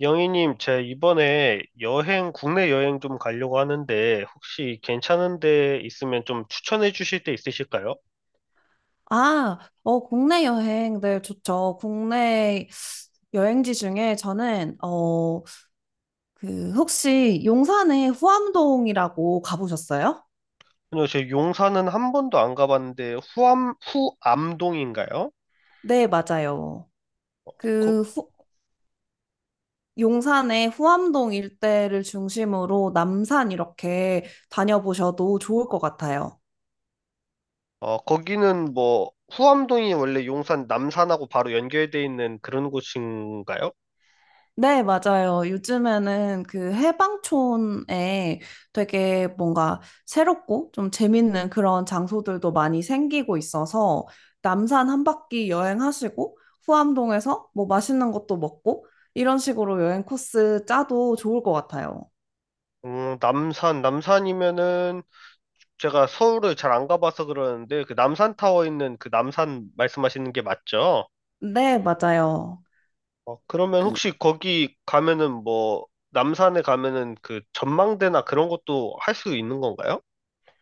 영희님, 제 이번에 여행, 국내 여행 좀 가려고 하는데, 혹시 괜찮은 데 있으면 좀 추천해 주실 데 있으실까요? 아, 국내 여행, 네, 좋죠. 국내 여행지 중에 저는, 혹시 용산에 후암동이라고 가보셨어요? 아니요, 제 용산은 한 번도 안 가봤는데, 후암동인가요? 네, 맞아요. 어, 거, 그, 후, 용산의 후암동 일대를 중심으로 남산 이렇게 다녀보셔도 좋을 것 같아요. 거기는 뭐, 후암동이 원래 용산 남산하고 바로 연결돼 있는 그런 곳인가요? 네, 맞아요. 요즘에는 그 해방촌에 되게 뭔가 새롭고 좀 재밌는 그런 장소들도 많이 생기고 있어서 남산 한 바퀴 여행하시고 후암동에서 뭐 맛있는 것도 먹고 이런 식으로 여행 코스 짜도 좋을 것 같아요. 남산이면은 제가 서울을 잘 안 가봐서 그러는데, 그 남산타워 있는 그 남산 말씀하시는 게 맞죠? 네, 맞아요. 어, 그러면 그 혹시 거기 가면은 뭐, 남산에 가면은 그 전망대나 그런 것도 할 수 있는 건가요?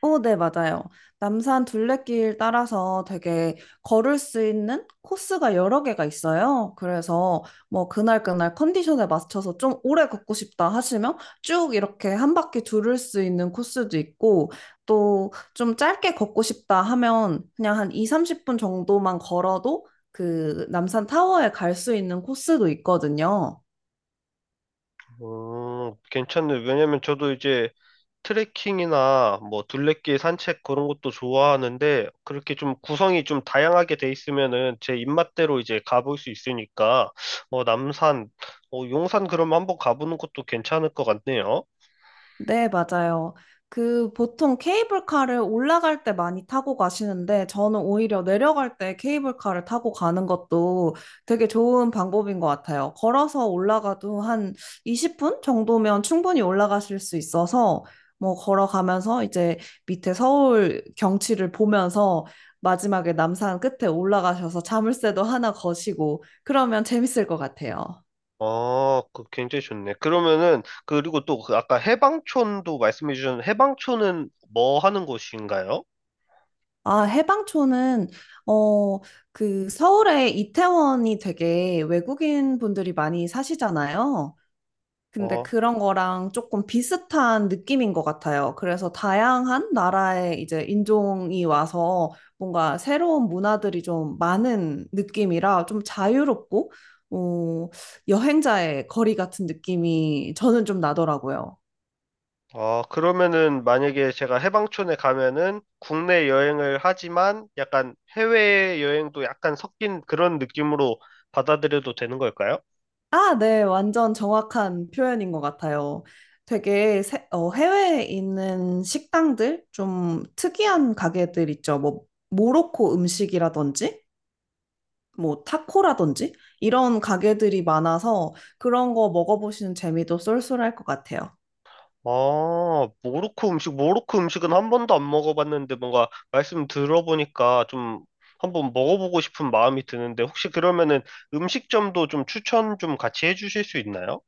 네, 맞아요. 남산 둘레길 따라서 되게 걸을 수 있는 코스가 여러 개가 있어요. 그래서 뭐 그날 그날 컨디션에 맞춰서 좀 오래 걷고 싶다 하시면 쭉 이렇게 한 바퀴 두를 수 있는 코스도 있고 또 좀 짧게 걷고 싶다 하면 그냥 한 2, 30분 정도만 걸어도 그 남산 타워에 갈 수 있는 코스도 있거든요. 괜찮네. 왜냐면 저도 이제 트레킹이나 뭐 둘레길 산책 그런 것도 좋아하는데 그렇게 좀 구성이 좀 다양하게 돼 있으면은 제 입맛대로 이제 가볼 수 있으니까 어, 남산, 용산 그러면 한번 가보는 것도 괜찮을 것 같네요. 네, 맞아요. 그 보통 케이블카를 올라갈 때 많이 타고 가시는데 저는 오히려 내려갈 때 케이블카를 타고 가는 것도 되게 좋은 방법인 것 같아요. 걸어서 올라가도 한 20분 정도면 충분히 올라가실 수 있어서 뭐 걸어가면서 이제 밑에 서울 경치를 보면서 마지막에 남산 끝에 올라가셔서 자물쇠도 하나 거시고 그러면 재밌을 것 같아요. 아, 그 굉장히 좋네. 그러면은 그리고 또그 아까 해방촌도 말씀해 주셨는데 해방촌은 뭐 하는 곳인가요? 해방촌은, 어, 서울의 이태원이 되게 외국인 분들이 많이 사시잖아요. 근데 어, 그런 거랑 조금 비슷한 느낌인 것 같아요. 그래서 다양한 나라의 이제 인종이 와서 뭔가 새로운 문화들이 좀 많은 느낌이라 좀 자유롭고, 어, 여행자의 거리 같은 느낌이 저는 좀 나더라고요. 아, 그러면은 만약에 제가 해방촌에 가면은 국내 여행을 하지만 약간 해외 여행도 약간 섞인 그런 느낌으로 받아들여도 되는 걸까요? 아, 네, 완전 정확한 표현인 것 같아요. 되게 해외에 있는 식당들, 좀 특이한 가게들 있죠. 뭐, 모로코 음식이라든지, 뭐, 타코라든지, 이런 가게들이 많아서 그런 거 먹어보시는 재미도 쏠쏠할 것 같아요. 아, 모로코 음식은 한 번도 안 먹어봤는데 뭔가 말씀 들어보니까 좀 한번 먹어보고 싶은 마음이 드는데 혹시 그러면은 음식점도 좀 추천 좀 같이 해주실 수 있나요?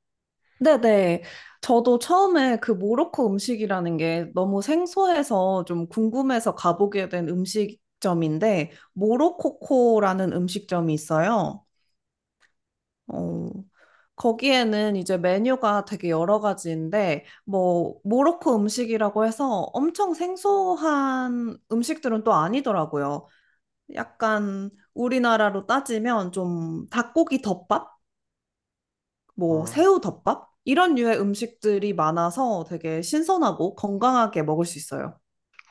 네네. 저도 처음에 그 모로코 음식이라는 게 너무 생소해서 좀 궁금해서 가보게 된 음식점인데, 모로코코라는 음식점이 있어요. 어, 거기에는 이제 메뉴가 되게 여러 가지인데, 뭐, 모로코 음식이라고 해서 엄청 생소한 음식들은 또 아니더라고요. 약간 우리나라로 따지면 좀 닭고기 덮밥? 뭐, 음. 새우 덮밥? 이런 류의 음식들이 많아서 되게 신선하고 건강하게 먹을 수 있어요.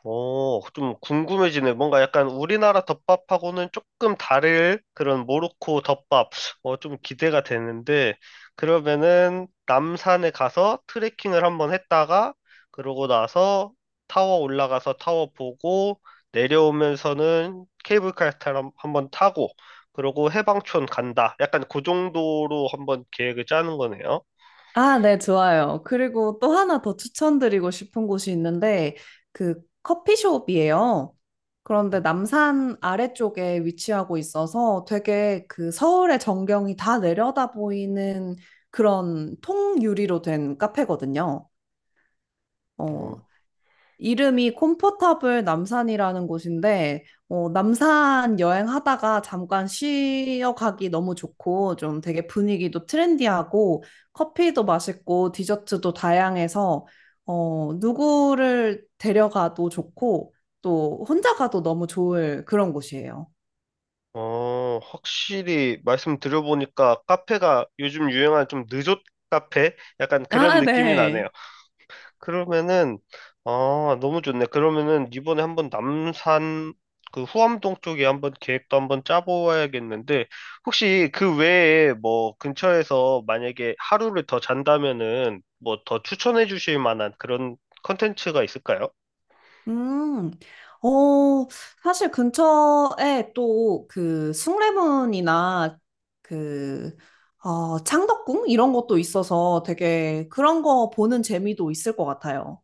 어, 좀 궁금해지네. 뭔가 약간 우리나라 덮밥하고는 조금 다를 그런 모로코 덮밥. 어, 좀 기대가 되는데, 그러면은 남산에 가서 트레킹을 한번 했다가, 그러고 나서 타워 올라가서 타워 보고, 내려오면서는 케이블카 타러 한번 타고, 그러고 해방촌 간다. 약간 그 정도로 한번 계획을 짜는 거네요. 아, 네, 좋아요. 그리고 또 하나 더 추천드리고 싶은 곳이 있는데, 그 커피숍이에요. 그런데 남산 아래쪽에 위치하고 있어서 되게 그 서울의 전경이 다 내려다 보이는 그런 통유리로 된 카페거든요. 어, 이름이 콤포타블 남산이라는 곳인데, 남산 여행하다가 잠깐 쉬어 가기 너무 좋고, 좀 되게 분위기도 트렌디하고, 커피도 맛있고, 디저트도 다양해서, 누구를 데려가도 좋고, 또 혼자 가도 너무 좋을 그런 곳이에요. 어, 확실히 말씀 들어보니까 카페가 요즘 유행한 좀 느좋 카페? 약간 그런 아, 느낌이 나네요. 네. 그러면은, 아, 너무 좋네. 그러면은 이번에 한번 남산, 그 후암동 쪽에 한번 계획도 한번 짜보아야겠는데, 혹시 그 외에 뭐 근처에서 만약에 하루를 더 잔다면은 뭐 더 추천해 주실 만한 그런 컨텐츠가 있을까요? 음, 어, 사실 근처에 또 그 숭례문이나 그, 창덕궁? 이런 것도 있어서 되게 그런 거 보는 재미도 있을 것 같아요.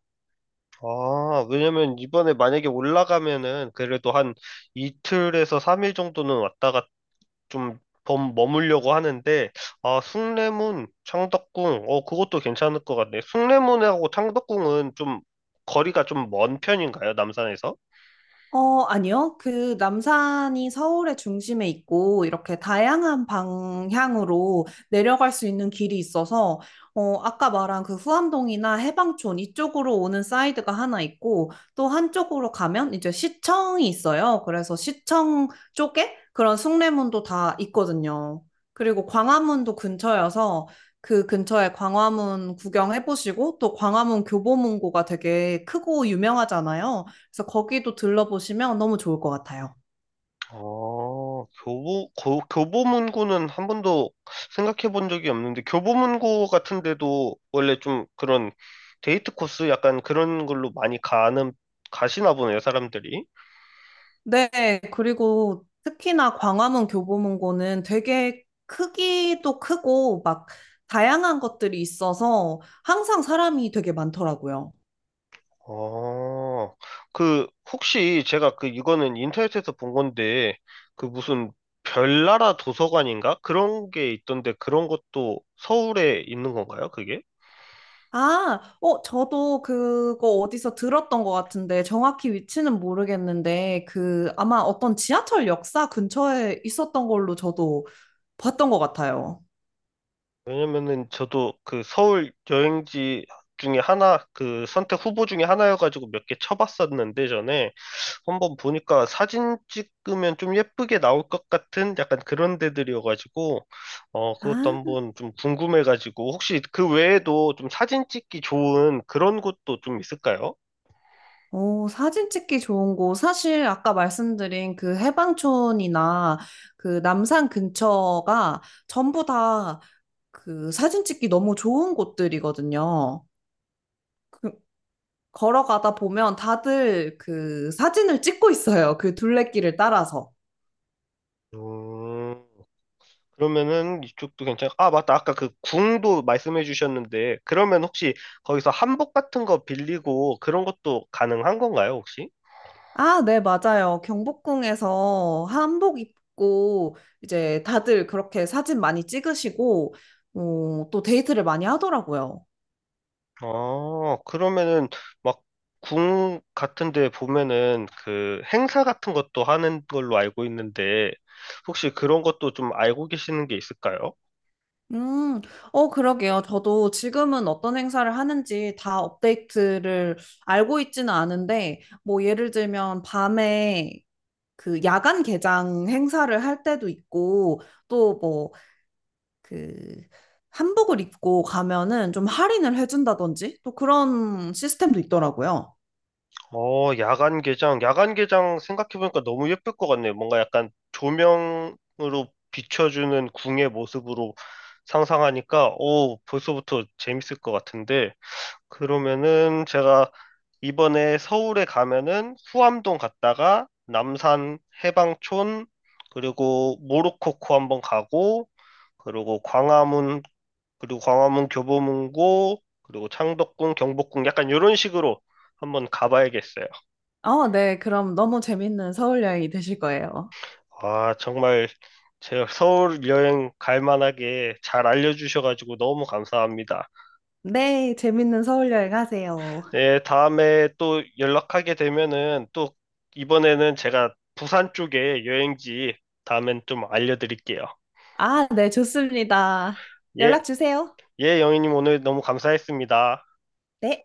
아, 왜냐면 이번에 만약에 올라가면은 그래도 한 이틀에서 3일 정도는 왔다가 좀 머물려고 하는데, 아, 숭례문, 창덕궁, 어, 그것도 괜찮을 것 같네. 숭례문하고 창덕궁은 좀 거리가 좀 먼 편인가요, 남산에서? 어, 아니요. 그 남산이 서울의 중심에 있고 이렇게 다양한 방향으로 내려갈 수 있는 길이 있어서 아까 말한 그 후암동이나 해방촌 이쪽으로 오는 사이드가 하나 있고 또 한쪽으로 가면 이제 시청이 있어요. 그래서 시청 쪽에 그런 숭례문도 다 있거든요. 그리고 광화문도 근처여서 그 근처에 광화문 구경해 보시고 또 광화문 교보문고가 되게 크고 유명하잖아요. 그래서 거기도 들러보시면 너무 좋을 것 같아요. 교보문고는 한 번도 생각해 본 적이 없는데, 교보문고 같은 데도 원래 좀 그런 데이트 코스 약간 그런 걸로 많이 가시나 보네요, 사람들이. 네, 그리고 특히나 광화문 교보문고는 되게 크기도 크고 막 다양한 것들이 있어서 항상 사람이 되게 많더라고요. 어, 그, 혹시 이거는 인터넷에서 본 건데, 그 무슨 별나라 도서관인가? 그런 게 있던데, 그런 것도 서울에 있는 건가요, 그게? 저도 그거 어디서 들었던 것 같은데 정확히 위치는 모르겠는데 그 아마 어떤 지하철 역사 근처에 있었던 걸로 저도 봤던 것 같아요. 왜냐면은 저도 그 서울 여행지 그 선택 후보 중에 하나여가지고 몇 개 쳐봤었는데, 전에. 한번 보니까 사진 찍으면 좀 예쁘게 나올 것 같은 약간 그런 데들이어가지고, 어, 그것도 아. 한번 좀 궁금해가지고, 혹시 그 외에도 좀 사진 찍기 좋은 그런 곳도 좀 있을까요? 오, 사진 찍기 좋은 곳. 사실 아까 말씀드린 그 해방촌이나 그 남산 근처가 전부 다 그 사진 찍기 너무 좋은 곳들이거든요. 그 걸어가다 보면 다들 그 사진을 찍고 있어요. 그 둘레길을 따라서. 음, 아, 맞다. 아까 그 궁도 말씀해 주셨는데, 그러면 혹시 거기서 한복 같은 거 빌리고 그런 것도 가능한 건가요, 혹시? 아, 네, 맞아요. 경복궁에서 한복 입고 이제 다들 그렇게 사진 많이 찍으시고, 또 데이트를 많이 하더라고요. 아, 그러면은 막 궁 같은 데 보면은 그 행사 같은 것도 하는 걸로 알고 있는데 혹시 그런 것도 좀 알고 계시는 게 있을까요? 음, 그러게요. 저도 지금은 어떤 행사를 하는지 다 업데이트를 알고 있지는 않은데, 뭐, 예를 들면, 밤에 그 야간 개장 행사를 할 때도 있고, 또 뭐, 그, 한복을 입고 가면은 좀 할인을 해준다든지, 또 그런 시스템도 있더라고요. 어, 야간 개장. 야간 개장 생각해보니까 너무 예쁠 것 같네요. 뭔가 약간 조명으로 비춰주는 궁의 모습으로 상상하니까, 오, 벌써부터 재밌을 것 같은데. 그러면은 제가 이번에 서울에 가면은 후암동 갔다가 남산 해방촌 그리고 모로코코 한번 가고 그리고 광화문 그리고 광화문 교보문고 그리고 창덕궁 경복궁 약간 이런 식으로 한번 가봐야겠어요. 어, 네. 그럼 너무 재밌는 서울 여행이 되실 거예요. 아 정말 제가 서울 여행 갈 만하게 잘 알려주셔가지고 너무 감사합니다. 네, 재밌는 서울 여행 하세요. 예, 다음에 또 연락하게 되면은 또 이번에는 제가 부산 쪽에 여행지 다음엔 좀 알려드릴게요. 아, 네, 좋습니다. 예, 연락 주세요. 예, 영희님 오늘 너무 감사했습니다. 네.